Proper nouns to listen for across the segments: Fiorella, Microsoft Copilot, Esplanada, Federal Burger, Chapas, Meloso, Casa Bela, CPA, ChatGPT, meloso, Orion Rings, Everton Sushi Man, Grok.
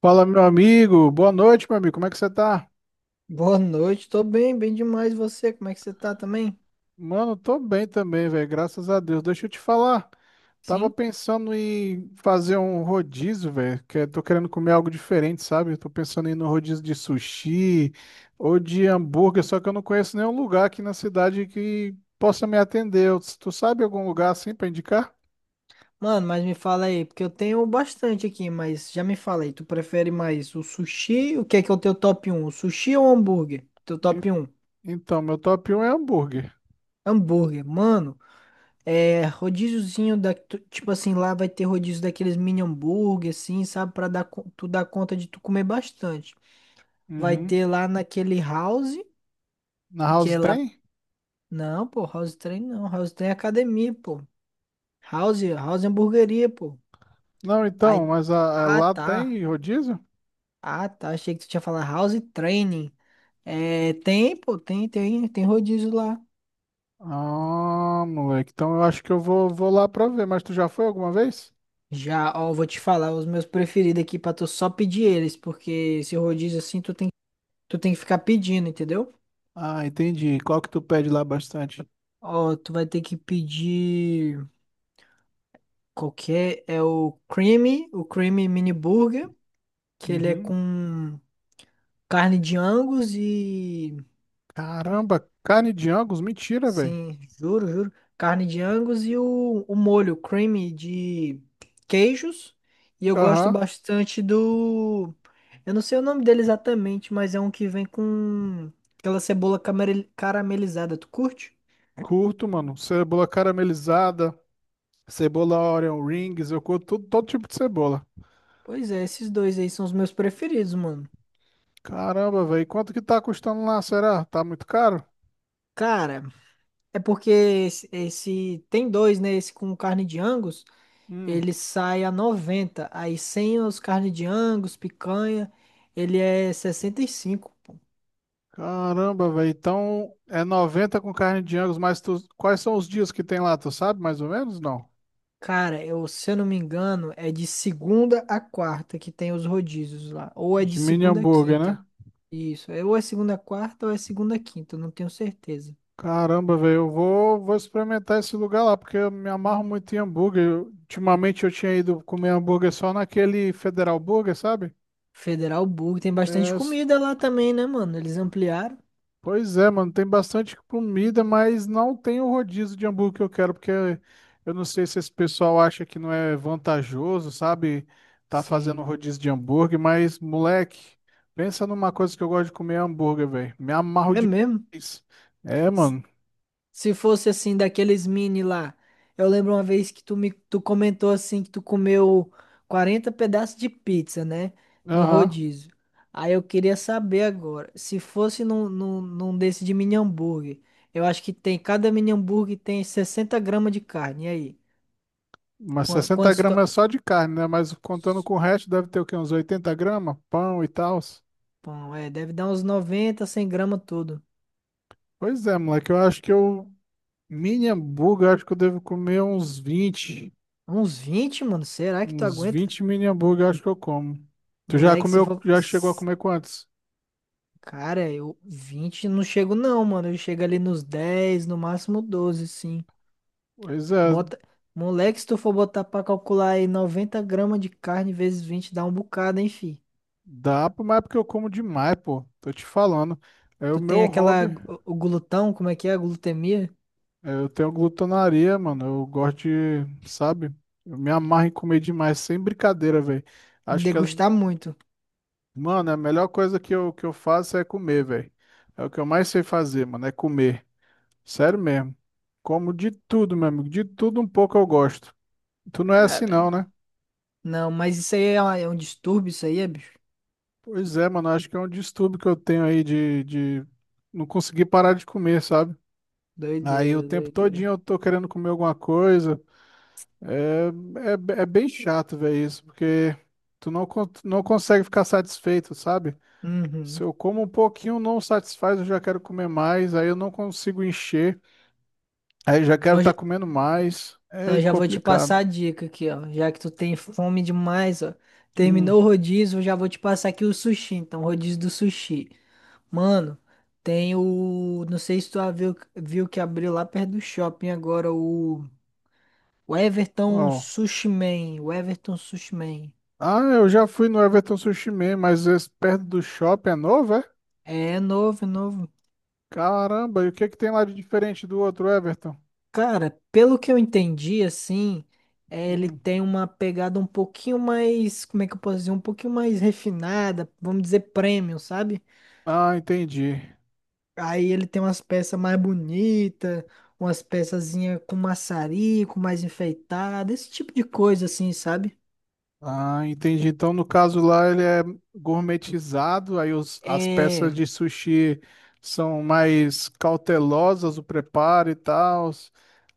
Fala, meu amigo. Boa noite, meu amigo. Como é que você tá? Boa noite, tô bem, bem demais. E você, como é que você tá também? Mano, tô bem também, velho. Graças a Deus. Deixa eu te falar. Tava Sim? pensando em fazer um rodízio, velho. Que eu tô querendo comer algo diferente, sabe? Eu tô pensando em ir no rodízio de sushi ou de hambúrguer, só que eu não conheço nenhum lugar aqui na cidade que possa me atender. Tu sabe algum lugar assim pra indicar? Mano, mas me fala aí, porque eu tenho bastante aqui, mas já me fala aí, tu prefere mais o sushi? O que é o teu top um? O sushi ou o hambúrguer? Teu E- top um? Então, meu top 1 é hambúrguer. Hambúrguer, mano, é rodíziozinho da, tipo assim, lá vai ter rodízio daqueles mini hambúrguer, assim, sabe? Pra dar, tu dar conta de tu comer bastante. Vai ter Uhum. lá naquele house, Na que House é lá. tem? Não, pô, house train não, house train é academia, pô. House, house é hamburgueria, pô. Não, Aí, então, mas ah, lá tá. tem rodízio? Ah, tá. Achei que tu tinha falado house training. É, tem, pô, tem rodízio lá. Ah, moleque. Então eu acho que eu vou lá pra ver. Mas tu já foi alguma vez? Já, ó, vou te falar os meus preferidos aqui pra tu só pedir eles, porque esse rodízio assim tu tem que ficar pedindo, entendeu? Ah, entendi. Qual que tu pede lá bastante? Ó, tu vai ter que pedir qualquer, é o creamy mini burger, que ele é Uhum. com carne de angus e Caramba, carne de Angus? Mentira, velho. sim, juro, juro. Carne de Angus e o molho creamy de queijos. E eu gosto Aham. bastante do. Eu não sei o nome dele exatamente, mas é um que vem com aquela cebola caramelizada. Tu curte? Curto, mano. Cebola caramelizada, cebola Orion Rings. Eu curto tudo, todo tipo de cebola. Pois é, esses dois aí são os meus preferidos, mano. Caramba, velho. Quanto que tá custando lá, será? Tá muito caro? Cara, é porque esse tem dois, né? Esse com carne de Angus, Hum. ele sai a 90. Aí sem os carne de Angus, picanha, ele é 65. Caramba, velho. Então é 90 com carne de Angus, mas tu quais são os dias que tem lá? Tu sabe mais ou menos? Não. Cara, eu, se eu não me engano, é de segunda a quarta que tem os rodízios lá. Ou é De de mini segunda a hambúrguer, né? quinta. Isso. Ou é segunda a quarta ou é segunda a quinta. Eu Não tenho certeza. Caramba, velho, eu vou experimentar esse lugar lá, porque eu me amarro muito em hambúrguer. Ultimamente eu tinha ido comer hambúrguer só naquele Federal Burger, sabe? Federal Burger. Tem É, bastante s- comida lá também, né, mano? Eles ampliaram. Pois é, mano, tem bastante comida, mas não tem o rodízio de hambúrguer que eu quero, porque eu não sei se esse pessoal acha que não é vantajoso, sabe? Tá fazendo Sim. rodízio de hambúrguer, mas, moleque, pensa numa coisa que eu gosto de comer é hambúrguer, velho. Me amarro É mesmo? demais. É, mano. Se fosse assim, daqueles mini lá. Eu lembro uma vez que tu comentou assim que tu comeu 40 pedaços de pizza, né? No Aham. rodízio. Aí eu queria saber agora, se fosse num desse de mini hambúrguer, eu acho que tem, cada mini hambúrguer tem 60 gramas de carne. E aí? Mas 60 Quantos. Gramas é só de carne, né? Mas contando com o resto, deve ter o quê? Uns 80 gramas? Pão e tal. Pão, é, deve dar uns 90, 100 gramas tudo. Pois é, moleque. Eu acho que eu. Mini hambúrguer, eu acho que eu devo comer uns vinte. Uns 20 mano? Será que tu Uns aguenta? 20 mini hambúrguer, eu acho que eu como. Tu já Moleque, se comeu? for. Já chegou a comer quantos? Cara, eu 20 não chego não, mano. Eu chego ali nos 10, no máximo 12, sim. Pois é, Bota... Moleque, se tu for botar pra calcular aí 90 gramas de carne vezes 20 dá um bocado, hein, fi. dá, pô, mas é porque eu como demais, pô. Tô te falando. É o Tu tem meu aquela... hobby. O glutão, como é que é? A glutemia? É, eu tenho glutonaria, mano. Eu gosto de, sabe? Eu me amarro em comer demais, sem brincadeira, velho. Me Acho que degustar muito. Mano, a melhor coisa que eu faço é comer, velho. É o que eu mais sei fazer, mano, é comer. Sério mesmo. Como de tudo, meu amigo. De tudo um pouco eu gosto. Tu não é assim não, Caramba. né? Não, mas isso aí é, é um distúrbio, isso aí é, bicho. Pois é, mano. Acho que é um distúrbio que eu tenho aí de não conseguir parar de comer, sabe? Aí o Doideira, tempo todinho doideira. eu tô querendo comer alguma coisa. É, é bem chato, velho, isso. Porque tu não consegue ficar satisfeito, sabe? Se Uhum. eu como um pouquinho, não satisfaz, eu já quero comer mais. Aí eu não consigo encher. Aí já quero estar Então comendo mais. Então É eu já vou te passar complicado. a dica aqui, ó. Já que tu tem fome demais, ó. Hum, Terminou o rodízio, eu já vou te passar aqui o sushi. Então, rodízio do sushi. Mano, tem o. Não sei se tu viu que abriu lá perto do shopping agora o. O Everton bom. Sushi Man. O Everton Sushi Man. Ah, eu já fui no Everton Sushi Man, mas esse perto do shopping é novo, é? É novo, é novo. Caramba, e o que que tem lá de diferente do outro Everton? Cara, pelo que eu entendi, assim, ele Hum. tem uma pegada um pouquinho mais. Como é que eu posso dizer? Um pouquinho mais refinada, vamos dizer premium, sabe? Ah, entendi. Aí ele tem umas peças mais bonitas, umas peçazinhas com maçarico, mais enfeitada, esse tipo de coisa assim, sabe? Ah, entendi. Então, no caso lá, ele é gourmetizado, aí as É, peças de sushi são mais cautelosas, o preparo e tal.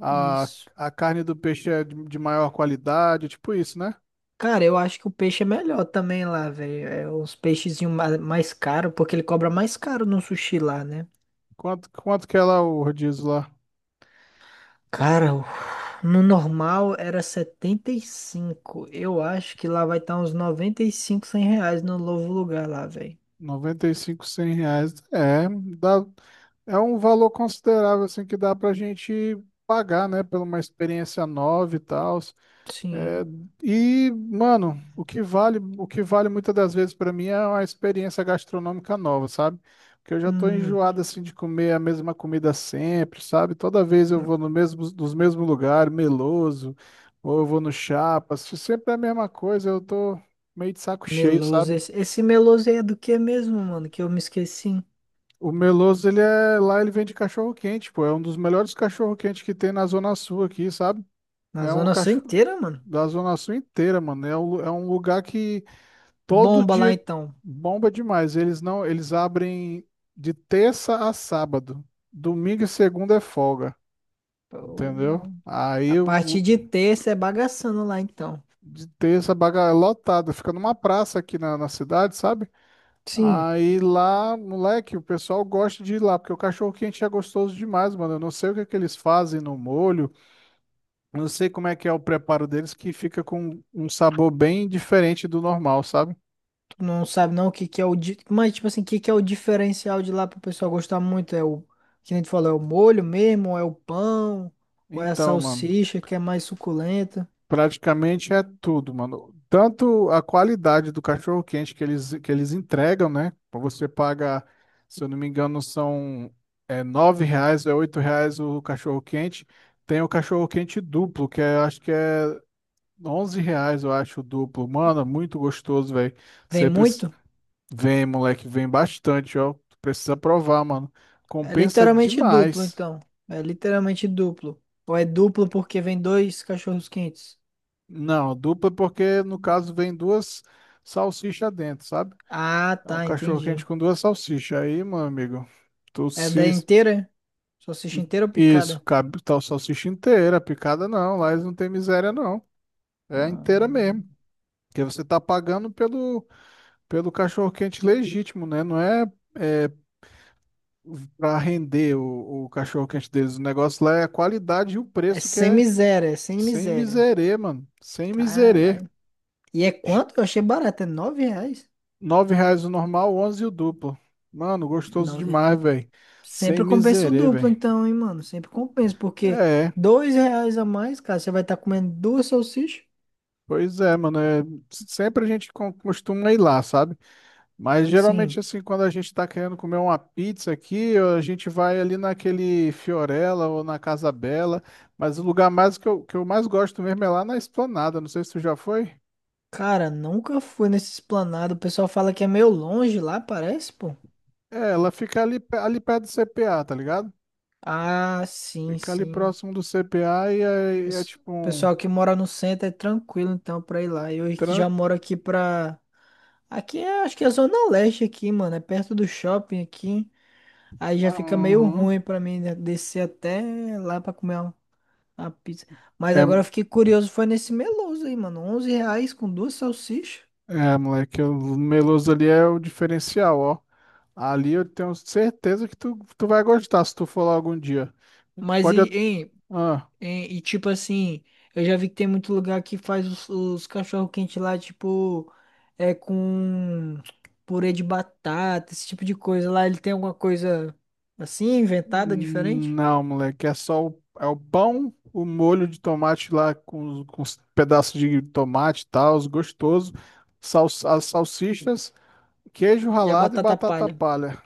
A, isso. a carne do peixe é de maior qualidade, tipo isso, né? Cara, eu acho que o peixe é melhor também lá, velho. É os peixezinhos mais caros, porque ele cobra mais caro no sushi lá, né? Quanto que é lá o rodízio lá? Cara, no normal era 75. Eu acho que lá vai estar uns 95, R$ 100 no novo lugar lá, velho. 95, 100 reais. É, dá, é um valor considerável, assim, que dá pra gente pagar, né? Pela uma experiência nova e tal. É, Sim. e, mano, o que vale muitas das vezes pra mim é uma experiência gastronômica nova, sabe? Porque eu já tô Hum. enjoado assim de comer a mesma comida sempre, sabe? Toda vez eu vou no mesmo, nos mesmos lugares, meloso, ou eu vou no Chapas, sempre é a mesma coisa, eu tô meio de saco cheio, Meloso. sabe? Esse Meloso aí é do que mesmo, mano? Que eu me esqueci. O meloso, ele é, lá ele vende cachorro quente, pô, é um dos melhores cachorro quente que tem na Zona Sul aqui, sabe? Na É um Zona Sul cachorro inteira, mano. da Zona Sul inteira, mano. É um, é um lugar que todo Bomba lá dia então. bomba demais. Eles não, eles abrem de terça a sábado. Domingo e segunda é folga, entendeu? Pô, a partir de terça é bagaçando lá então. De terça a baga é lotada, fica numa praça aqui na cidade, sabe? Sim, Aí lá, moleque, o pessoal gosta de ir lá, porque o cachorro quente é gostoso demais, mano. Eu não sei o que é que eles fazem no molho, eu não sei como é que é o preparo deles, que fica com um sabor bem diferente do normal, sabe? tu não sabe não o que que é o. Mas, tipo assim, o que que é o diferencial de lá pro pessoal gostar muito? É o. Que nem tu falou, é o molho mesmo? Ou é o pão? Ou é a Então, mano. salsicha que é mais suculenta? Praticamente é tudo, mano. Tanto a qualidade do cachorro-quente que eles entregam, né? Você paga, se eu não me engano, são é, 9 reais, é 8 reais o cachorro-quente. Tem o cachorro-quente duplo, que é, acho que é 11 reais, eu acho, o duplo. Mano, é muito gostoso, velho. Vem Você precisa muito? Vem, moleque, vem bastante, ó. Tu precisa provar, mano. É Compensa literalmente duplo demais. então. É literalmente duplo. Ou é duplo porque vem dois cachorros quentes? Não, dupla porque, no caso, vem duas salsichas dentro, sabe? Ah, É um tá, cachorro entendi. quente com duas salsichas. Aí, meu amigo, tu É da se inteira? Salsicha inteira ou Isso, picada? cabe tal salsicha inteira, picada não. Lá eles não tem miséria, não. É Ah, inteira mesmo. Porque você tá pagando pelo, pelo cachorro quente legítimo, né? Não, é para render o cachorro quente deles. O negócio lá é a qualidade e o é preço que sem é miséria, é sem sem miséria. miserê, mano. Sem miserê. Caralho. E é quanto? Eu achei barato, é R$ 9? Nove reais o normal, 11 o duplo. Mano, gostoso Nove. demais, velho. Sem Sempre compensa o miserê, duplo, velho. então, hein, mano? Sempre compensa, porque É. R$ 2 a mais, cara, você vai estar comendo duas salsichas? Pois é, mano, sempre a gente costuma ir lá, sabe? Mas Sim. geralmente, assim, quando a gente tá querendo comer uma pizza aqui, a gente vai ali naquele Fiorella ou na Casa Bela, mas o lugar mais que eu mais gosto mesmo é lá na Esplanada, não sei se tu já foi. Cara, nunca fui nesse esplanado. O pessoal fala que é meio longe lá, parece, pô. É, ela fica ali, ali perto do CPA, tá ligado? Ah, sim, Fica ali sim. próximo do CPA e é Pes- tipo um Pessoal que mora no centro é tranquilo, então, pra ir lá. Eu que já tran- moro aqui pra. Aqui é, acho que é Zona Leste aqui, mano. É perto do shopping aqui. Aí já Ah, fica meio uhum. ruim pra mim né, descer até lá pra comer uma pizza. Mas É, agora eu fiquei curioso, foi nesse Meloso aí, mano. R$ 11 com duas salsichas. é, moleque, o meloso ali é o diferencial, ó. Ali eu tenho certeza que tu vai gostar se tu for lá algum dia. Tu Mas pode. e, hein, Ah, E, tipo assim, eu já vi que tem muito lugar que faz os cachorro quente lá, tipo, é com purê de batata, esse tipo de coisa. Lá ele tem alguma coisa assim, inventada, diferente? não, moleque, é só o, é o pão, o molho de tomate lá com, com os pedaços de tomate e tal, os gostosos, sal, as salsichas, queijo E a ralado e batata batata palha. palha.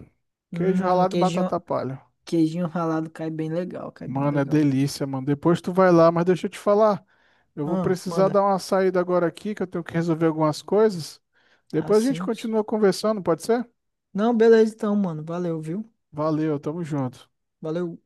Queijo Hum, ralado e queijinho, batata palha. queijinho ralado cai bem legal, cai bem Mano, é legal. delícia, mano. Depois tu vai lá, mas deixa eu te falar. Eu vou Ah, precisar manda. dar uma saída agora aqui, que eu tenho que resolver algumas coisas. Ah, Depois a gente sim. continua conversando, pode ser? Não, beleza então, mano. Valeu, viu? Valeu, tamo junto. Valeu.